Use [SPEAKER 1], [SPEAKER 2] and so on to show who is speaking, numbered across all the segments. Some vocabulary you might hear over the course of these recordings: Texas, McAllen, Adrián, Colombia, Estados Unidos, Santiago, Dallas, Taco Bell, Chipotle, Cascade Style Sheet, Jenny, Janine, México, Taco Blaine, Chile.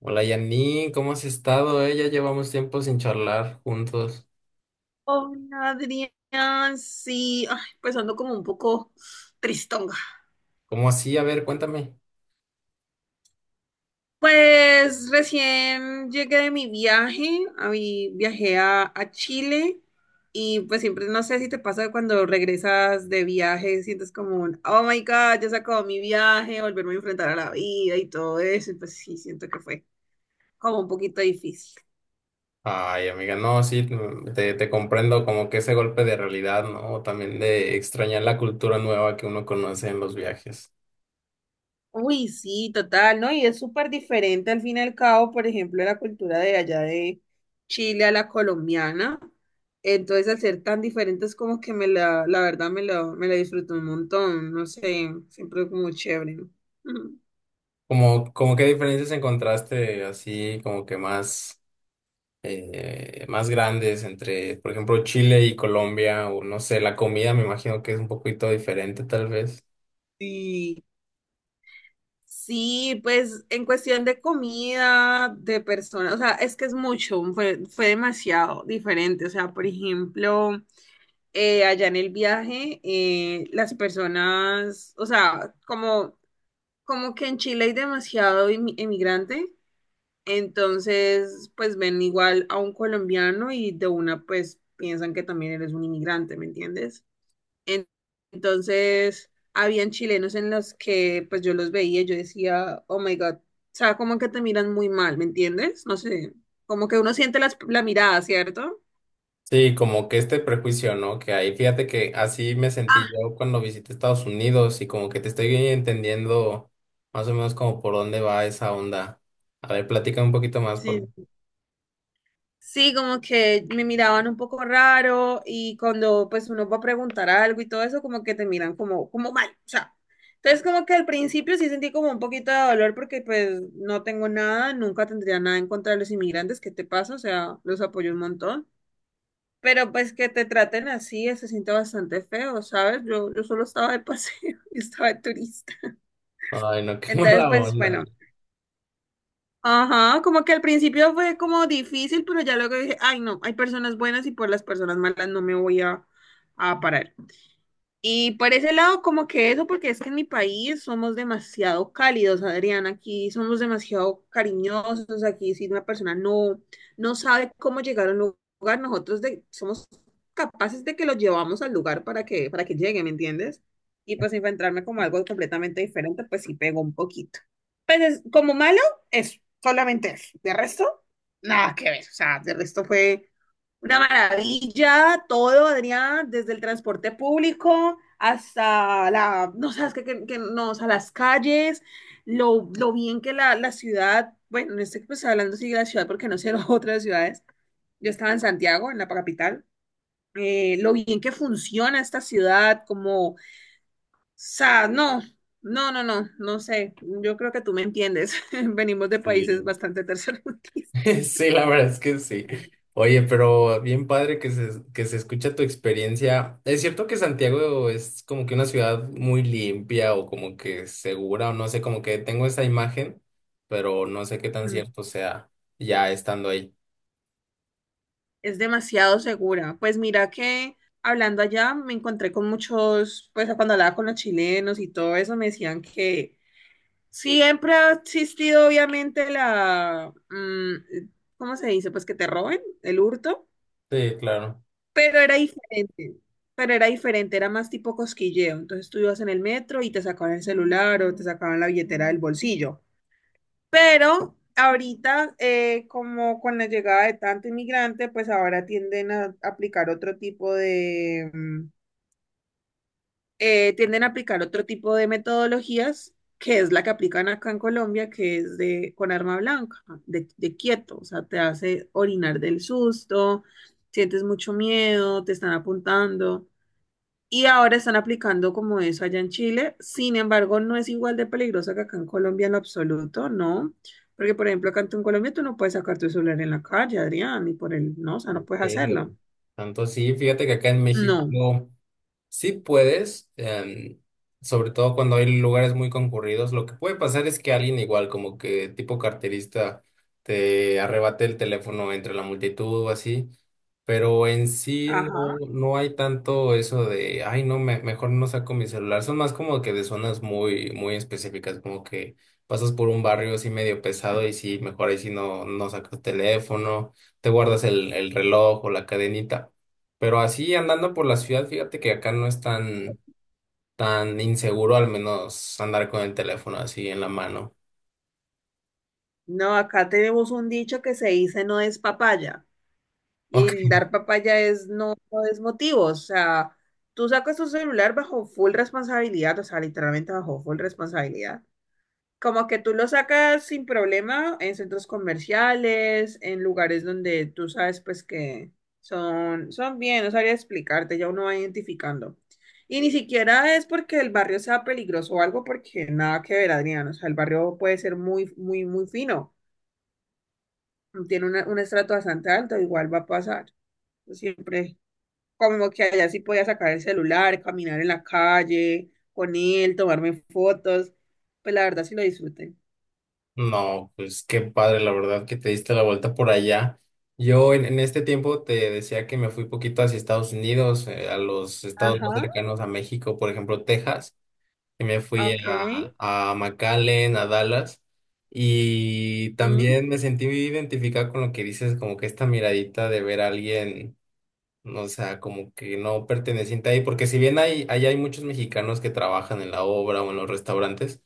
[SPEAKER 1] Hola Janine, ¿cómo has estado? ¿Eh? Ya llevamos tiempo sin charlar juntos.
[SPEAKER 2] Hola, Adrián, sí, ay, pues ando como un poco tristonga.
[SPEAKER 1] ¿Cómo así? A ver, cuéntame.
[SPEAKER 2] Pues recién llegué de mi viaje, viajé a Chile y pues siempre no sé si te pasa cuando regresas de viaje, sientes como un, oh my God, ya se acabó mi viaje, volverme a enfrentar a la vida y todo eso, y pues sí, siento que fue como un poquito difícil.
[SPEAKER 1] Ay, amiga, no, sí, mm, te comprendo, como que ese golpe de realidad, ¿no? También de extrañar la cultura nueva que uno conoce en los viajes.
[SPEAKER 2] Uy, sí, total, ¿no? Y es súper diferente al fin y al cabo, por ejemplo, la cultura de allá de Chile a la colombiana. Entonces, al ser tan diferentes, como que la verdad me la disfruto un montón, no sé, siempre como chévere, ¿no? Ujú.
[SPEAKER 1] Como qué diferencias encontraste así, como que más, más grandes entre, por ejemplo, Chile y Colombia, o no sé, la comida me imagino que es un poquito diferente tal vez.
[SPEAKER 2] Sí, sí, pues en cuestión de comida, de personas, o sea, es que es mucho, fue demasiado diferente. O sea, por ejemplo, allá en el viaje, las personas, o sea, como que en Chile hay demasiado emigrante, entonces pues ven igual a un colombiano y de una pues piensan que también eres un inmigrante, ¿me entiendes? En- Entonces habían chilenos en los que pues yo los veía y yo decía, oh my God, o sea, como que te miran muy mal, ¿me entiendes? No sé, como que uno siente la mirada, ¿cierto?
[SPEAKER 1] Sí, como que este prejuicio, ¿no? Que ahí, fíjate que así me
[SPEAKER 2] Ah,
[SPEAKER 1] sentí yo cuando visité Estados Unidos, y como que te estoy entendiendo más o menos como por dónde va esa onda. A ver, platica un poquito más por...
[SPEAKER 2] sí. Sí, como que me miraban un poco raro y cuando pues uno va a preguntar algo y todo eso, como que te miran como mal, o sea. Entonces como que al principio sí sentí como un poquito de dolor porque pues no tengo nada, nunca tendría nada en contra de los inmigrantes, ¿qué te pasa? O sea, los apoyo un montón. Pero pues que te traten así, se siente bastante feo, ¿sabes? Yo solo estaba de paseo, y estaba de turista.
[SPEAKER 1] Ay, no, qué
[SPEAKER 2] Entonces
[SPEAKER 1] mala
[SPEAKER 2] pues
[SPEAKER 1] onda.
[SPEAKER 2] bueno, ajá, como que al principio fue como difícil, pero ya luego dije, ay no, hay personas buenas y por las personas malas no me voy a parar. Y por ese lado, como que eso, porque es que en mi país somos demasiado cálidos, Adrián, aquí somos demasiado cariñosos, aquí si una persona no, no sabe cómo llegar a un lugar, nosotros somos capaces de que lo llevamos al lugar para que llegue, ¿me entiendes? Y pues enfrentarme como algo completamente diferente, pues sí pegó un poquito. Pues como malo, eso, solamente eso. De resto, nada que ver, o sea, de resto fue una maravilla, todo, Adrián, desde el transporte público hasta la, no sabes no, o sea, las calles, lo bien que la ciudad, bueno, no estoy pues, hablando sí de la ciudad porque no sé las otras ciudades. Yo estaba en Santiago, en la capital. Lo bien que funciona esta ciudad, como, o sea, no, no, no, no, no sé. Yo creo que tú me entiendes. Venimos de países
[SPEAKER 1] Sí.
[SPEAKER 2] bastante tercermundistas.
[SPEAKER 1] Sí, la verdad es que sí. Oye, pero bien padre que se escucha tu experiencia. Es cierto que Santiago es como que una ciudad muy limpia o como que segura, o no sé, como que tengo esa imagen, pero no sé qué tan cierto sea ya estando ahí.
[SPEAKER 2] Es demasiado segura. Pues mira que hablando allá me encontré con muchos, pues cuando hablaba con los chilenos y todo eso, me decían que siempre ha existido obviamente la, ¿cómo se dice? Pues que te roben, el hurto,
[SPEAKER 1] Sí, claro.
[SPEAKER 2] pero era diferente. Pero era diferente, era más tipo cosquilleo. Entonces tú ibas en el metro y te sacaban el celular o te sacaban la billetera del bolsillo. Pero ahorita, como con la llegada de tanto inmigrante, pues ahora tienden a aplicar otro tipo de metodologías, que es la que aplican acá en Colombia, que es de con arma blanca, de quieto, o sea, te hace orinar del susto, sientes mucho miedo, te están apuntando. Y ahora están aplicando como eso allá en Chile. Sin embargo, no es igual de peligrosa que acá en Colombia en lo absoluto, ¿no? Porque, por ejemplo, acá en Colombia tú no puedes sacar tu celular en la calle, Adrián, ni por el, no, o sea, no
[SPEAKER 1] ¿En
[SPEAKER 2] puedes hacerlo.
[SPEAKER 1] serio? Tanto sí, fíjate que acá en
[SPEAKER 2] No.
[SPEAKER 1] México sí puedes, sobre todo cuando hay lugares muy concurridos. Lo que puede pasar es que alguien, igual, como que tipo carterista, te arrebate el teléfono entre la multitud o así, pero en sí
[SPEAKER 2] Ajá.
[SPEAKER 1] no, no hay tanto eso de, ay, no, me- mejor no saco mi celular. Son más como que de zonas muy, muy específicas, como que pasas por un barrio así medio pesado y sí, mejor ahí sí no, no sacas teléfono, te guardas el reloj o la cadenita. Pero así andando por la ciudad, fíjate que acá no es tan, tan inseguro, al menos andar con el teléfono así en la mano.
[SPEAKER 2] No, acá tenemos un dicho que se dice no es papaya. Y
[SPEAKER 1] Ok.
[SPEAKER 2] el dar papaya es no, no es motivo. O sea, tú sacas tu celular bajo full responsabilidad, o sea, literalmente bajo full responsabilidad. Como que tú lo sacas sin problema en centros comerciales, en lugares donde tú sabes pues que son bien, no sabría explicarte, ya uno va identificando. Y ni siquiera es porque el barrio sea peligroso o algo, porque nada que ver, Adrián. O sea, el barrio puede ser muy, muy, muy fino. Tiene un estrato bastante alto, igual va a pasar. Yo siempre, como que allá sí podía sacar el celular, caminar en la calle con él, tomarme fotos. Pues la verdad sí lo disfruté.
[SPEAKER 1] No, pues qué padre, la verdad, que te diste la vuelta por allá. Yo en este tiempo te decía que me fui poquito hacia Estados Unidos, a los estados más
[SPEAKER 2] Ajá.
[SPEAKER 1] cercanos a México, por ejemplo, Texas. Y me fui
[SPEAKER 2] Ok.
[SPEAKER 1] a McAllen, a Dallas, y
[SPEAKER 2] Mm,
[SPEAKER 1] también me sentí identificado con lo que dices, como que esta miradita de ver a alguien. O sea, como que no perteneciente ahí, porque si bien hay, ahí hay muchos mexicanos que trabajan en la obra o en los restaurantes,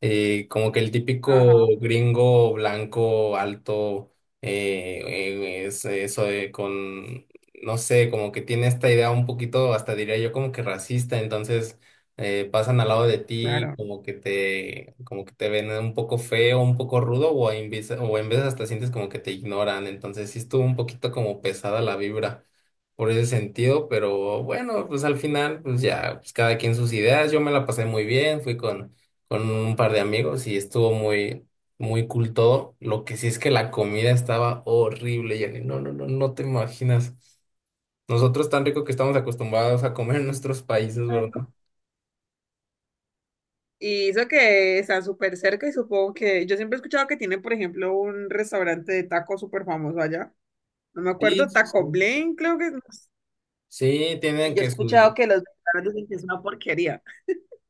[SPEAKER 1] como que el típico
[SPEAKER 2] ajá,
[SPEAKER 1] gringo blanco, alto, es eso de con, no sé, como que tiene esta idea un poquito, hasta diría yo, como que racista. Entonces pasan al
[SPEAKER 2] sí.
[SPEAKER 1] lado de ti,
[SPEAKER 2] Claro.
[SPEAKER 1] como que te ven un poco feo, un poco rudo, o en vez- o en veces hasta sientes como que te ignoran. Entonces sí estuvo un poquito como pesada la vibra por ese sentido, pero bueno, pues al final, pues ya, pues cada quien sus ideas. Yo me la pasé muy bien, fui con un par de amigos y estuvo muy, muy cool todo. Lo que sí es que la comida estaba horrible, Jenny, no, no, no, no te imaginas, nosotros tan rico que estamos acostumbrados a comer en nuestros países, ¿verdad?
[SPEAKER 2] Y eso que está súper cerca y supongo que yo siempre he escuchado que tiene, por ejemplo, un restaurante de tacos súper famoso allá. No me
[SPEAKER 1] Sí,
[SPEAKER 2] acuerdo,
[SPEAKER 1] sí,
[SPEAKER 2] Taco
[SPEAKER 1] sí.
[SPEAKER 2] Blaine, creo que es.
[SPEAKER 1] Sí, tienen
[SPEAKER 2] Y yo he
[SPEAKER 1] que su...
[SPEAKER 2] escuchado que los mexicanos dicen que es una porquería.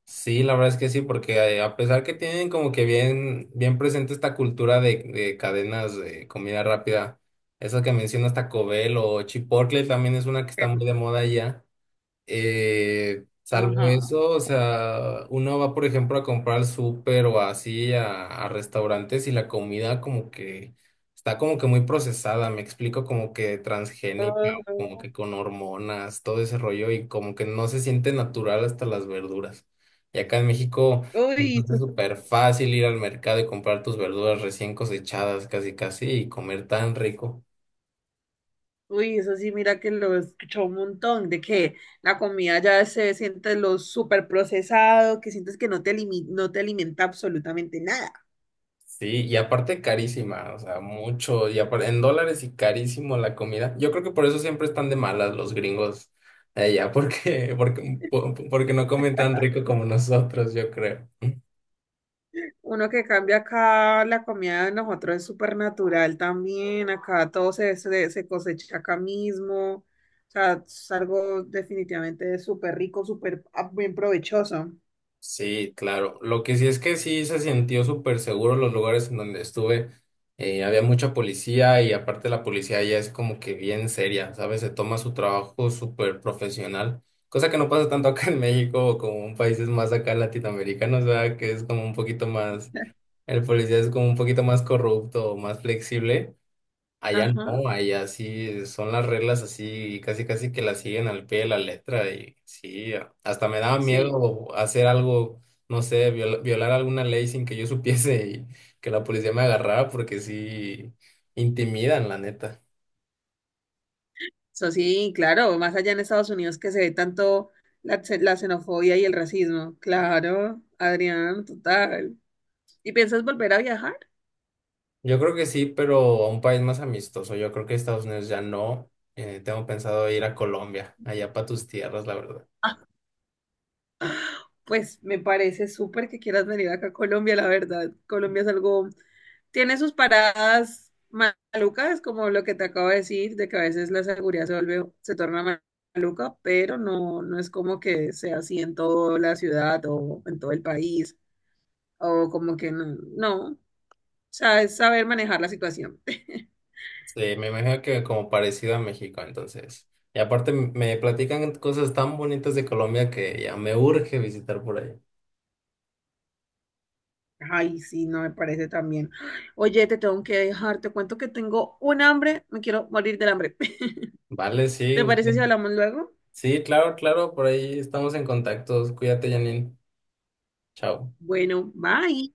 [SPEAKER 1] Sí, la verdad es que sí, porque a pesar que tienen como que bien, bien presente esta cultura de cadenas de comida rápida, esa que mencionas, Taco Bell, o Chipotle también es una que está
[SPEAKER 2] Pero-
[SPEAKER 1] muy de moda allá.
[SPEAKER 2] Ajá.
[SPEAKER 1] Salvo eso, o sea, uno va, por ejemplo, a comprar al súper o así a restaurantes, y la comida como que está como que muy procesada, me explico, como que
[SPEAKER 2] Ajá.
[SPEAKER 1] transgénica, como que con hormonas, todo ese rollo, y como que no se siente natural hasta las verduras. Y acá en México
[SPEAKER 2] Uy, eso,
[SPEAKER 1] es súper fácil ir al mercado y comprar tus verduras recién cosechadas, casi casi, y comer tan rico.
[SPEAKER 2] Uy, eso sí, mira que lo escuchó un montón, de que la comida ya se siente lo súper procesado, que sientes que no te alimenta absolutamente nada.
[SPEAKER 1] Sí, y aparte carísima, o sea, mucho, y apar- en dólares y carísimo la comida. Yo creo que por eso siempre están de malas los gringos allá, porque, porque, po- porque no comen tan rico como nosotros, yo creo.
[SPEAKER 2] Uno que cambia acá la comida de nosotros es súper natural también, acá todo se cosecha acá mismo, o sea, es algo definitivamente súper rico, súper, bien provechoso.
[SPEAKER 1] Sí, claro. Lo que sí es que sí se sintió súper seguro los lugares en donde estuve. Había mucha policía, y aparte la policía ya es como que bien seria, ¿sabes? Se toma su trabajo súper profesional, cosa que no pasa tanto acá en México o como en países más acá latinoamericanos, ¿verdad? Que es como un poquito más, el policía es como un poquito más corrupto, más flexible. Allá
[SPEAKER 2] Ajá,
[SPEAKER 1] no, allá sí son las reglas así, casi casi que las siguen al pie de la letra, y sí, a- hasta me daba
[SPEAKER 2] sí,
[SPEAKER 1] miedo hacer algo, no sé, viol- violar alguna ley sin que yo supiese y que la policía me agarrara, porque sí intimidan, la neta.
[SPEAKER 2] eso sí, claro, más allá en Estados Unidos que se ve tanto la xenofobia y el racismo, claro, Adrián, total. ¿Y piensas volver a viajar?
[SPEAKER 1] Yo creo que sí, pero a un país más amistoso. Yo creo que Estados Unidos ya no. Tengo pensado ir a Colombia, allá para tus tierras, la verdad.
[SPEAKER 2] Pues me parece súper que quieras venir acá a Colombia, la verdad. Colombia es algo, tiene sus paradas malucas, como lo que te acabo de decir, de que a veces la seguridad se vuelve, se torna maluca, pero no, no es como que sea así en toda la ciudad o en todo el país, o como que no, no, o sea, es saber manejar la situación.
[SPEAKER 1] Sí, me imagino que como parecido a México, entonces. Y aparte me platican cosas tan bonitas de Colombia que ya me urge visitar por ahí.
[SPEAKER 2] Ay, sí, no me parece también. Oye, te tengo que dejar, te cuento que tengo un hambre, me quiero morir del hambre.
[SPEAKER 1] Vale, sí,
[SPEAKER 2] ¿Te parece
[SPEAKER 1] usted.
[SPEAKER 2] si hablamos luego?
[SPEAKER 1] Sí, claro, claro, por ahí estamos en contacto. Cuídate, Janine. Chao.
[SPEAKER 2] Bueno, bye.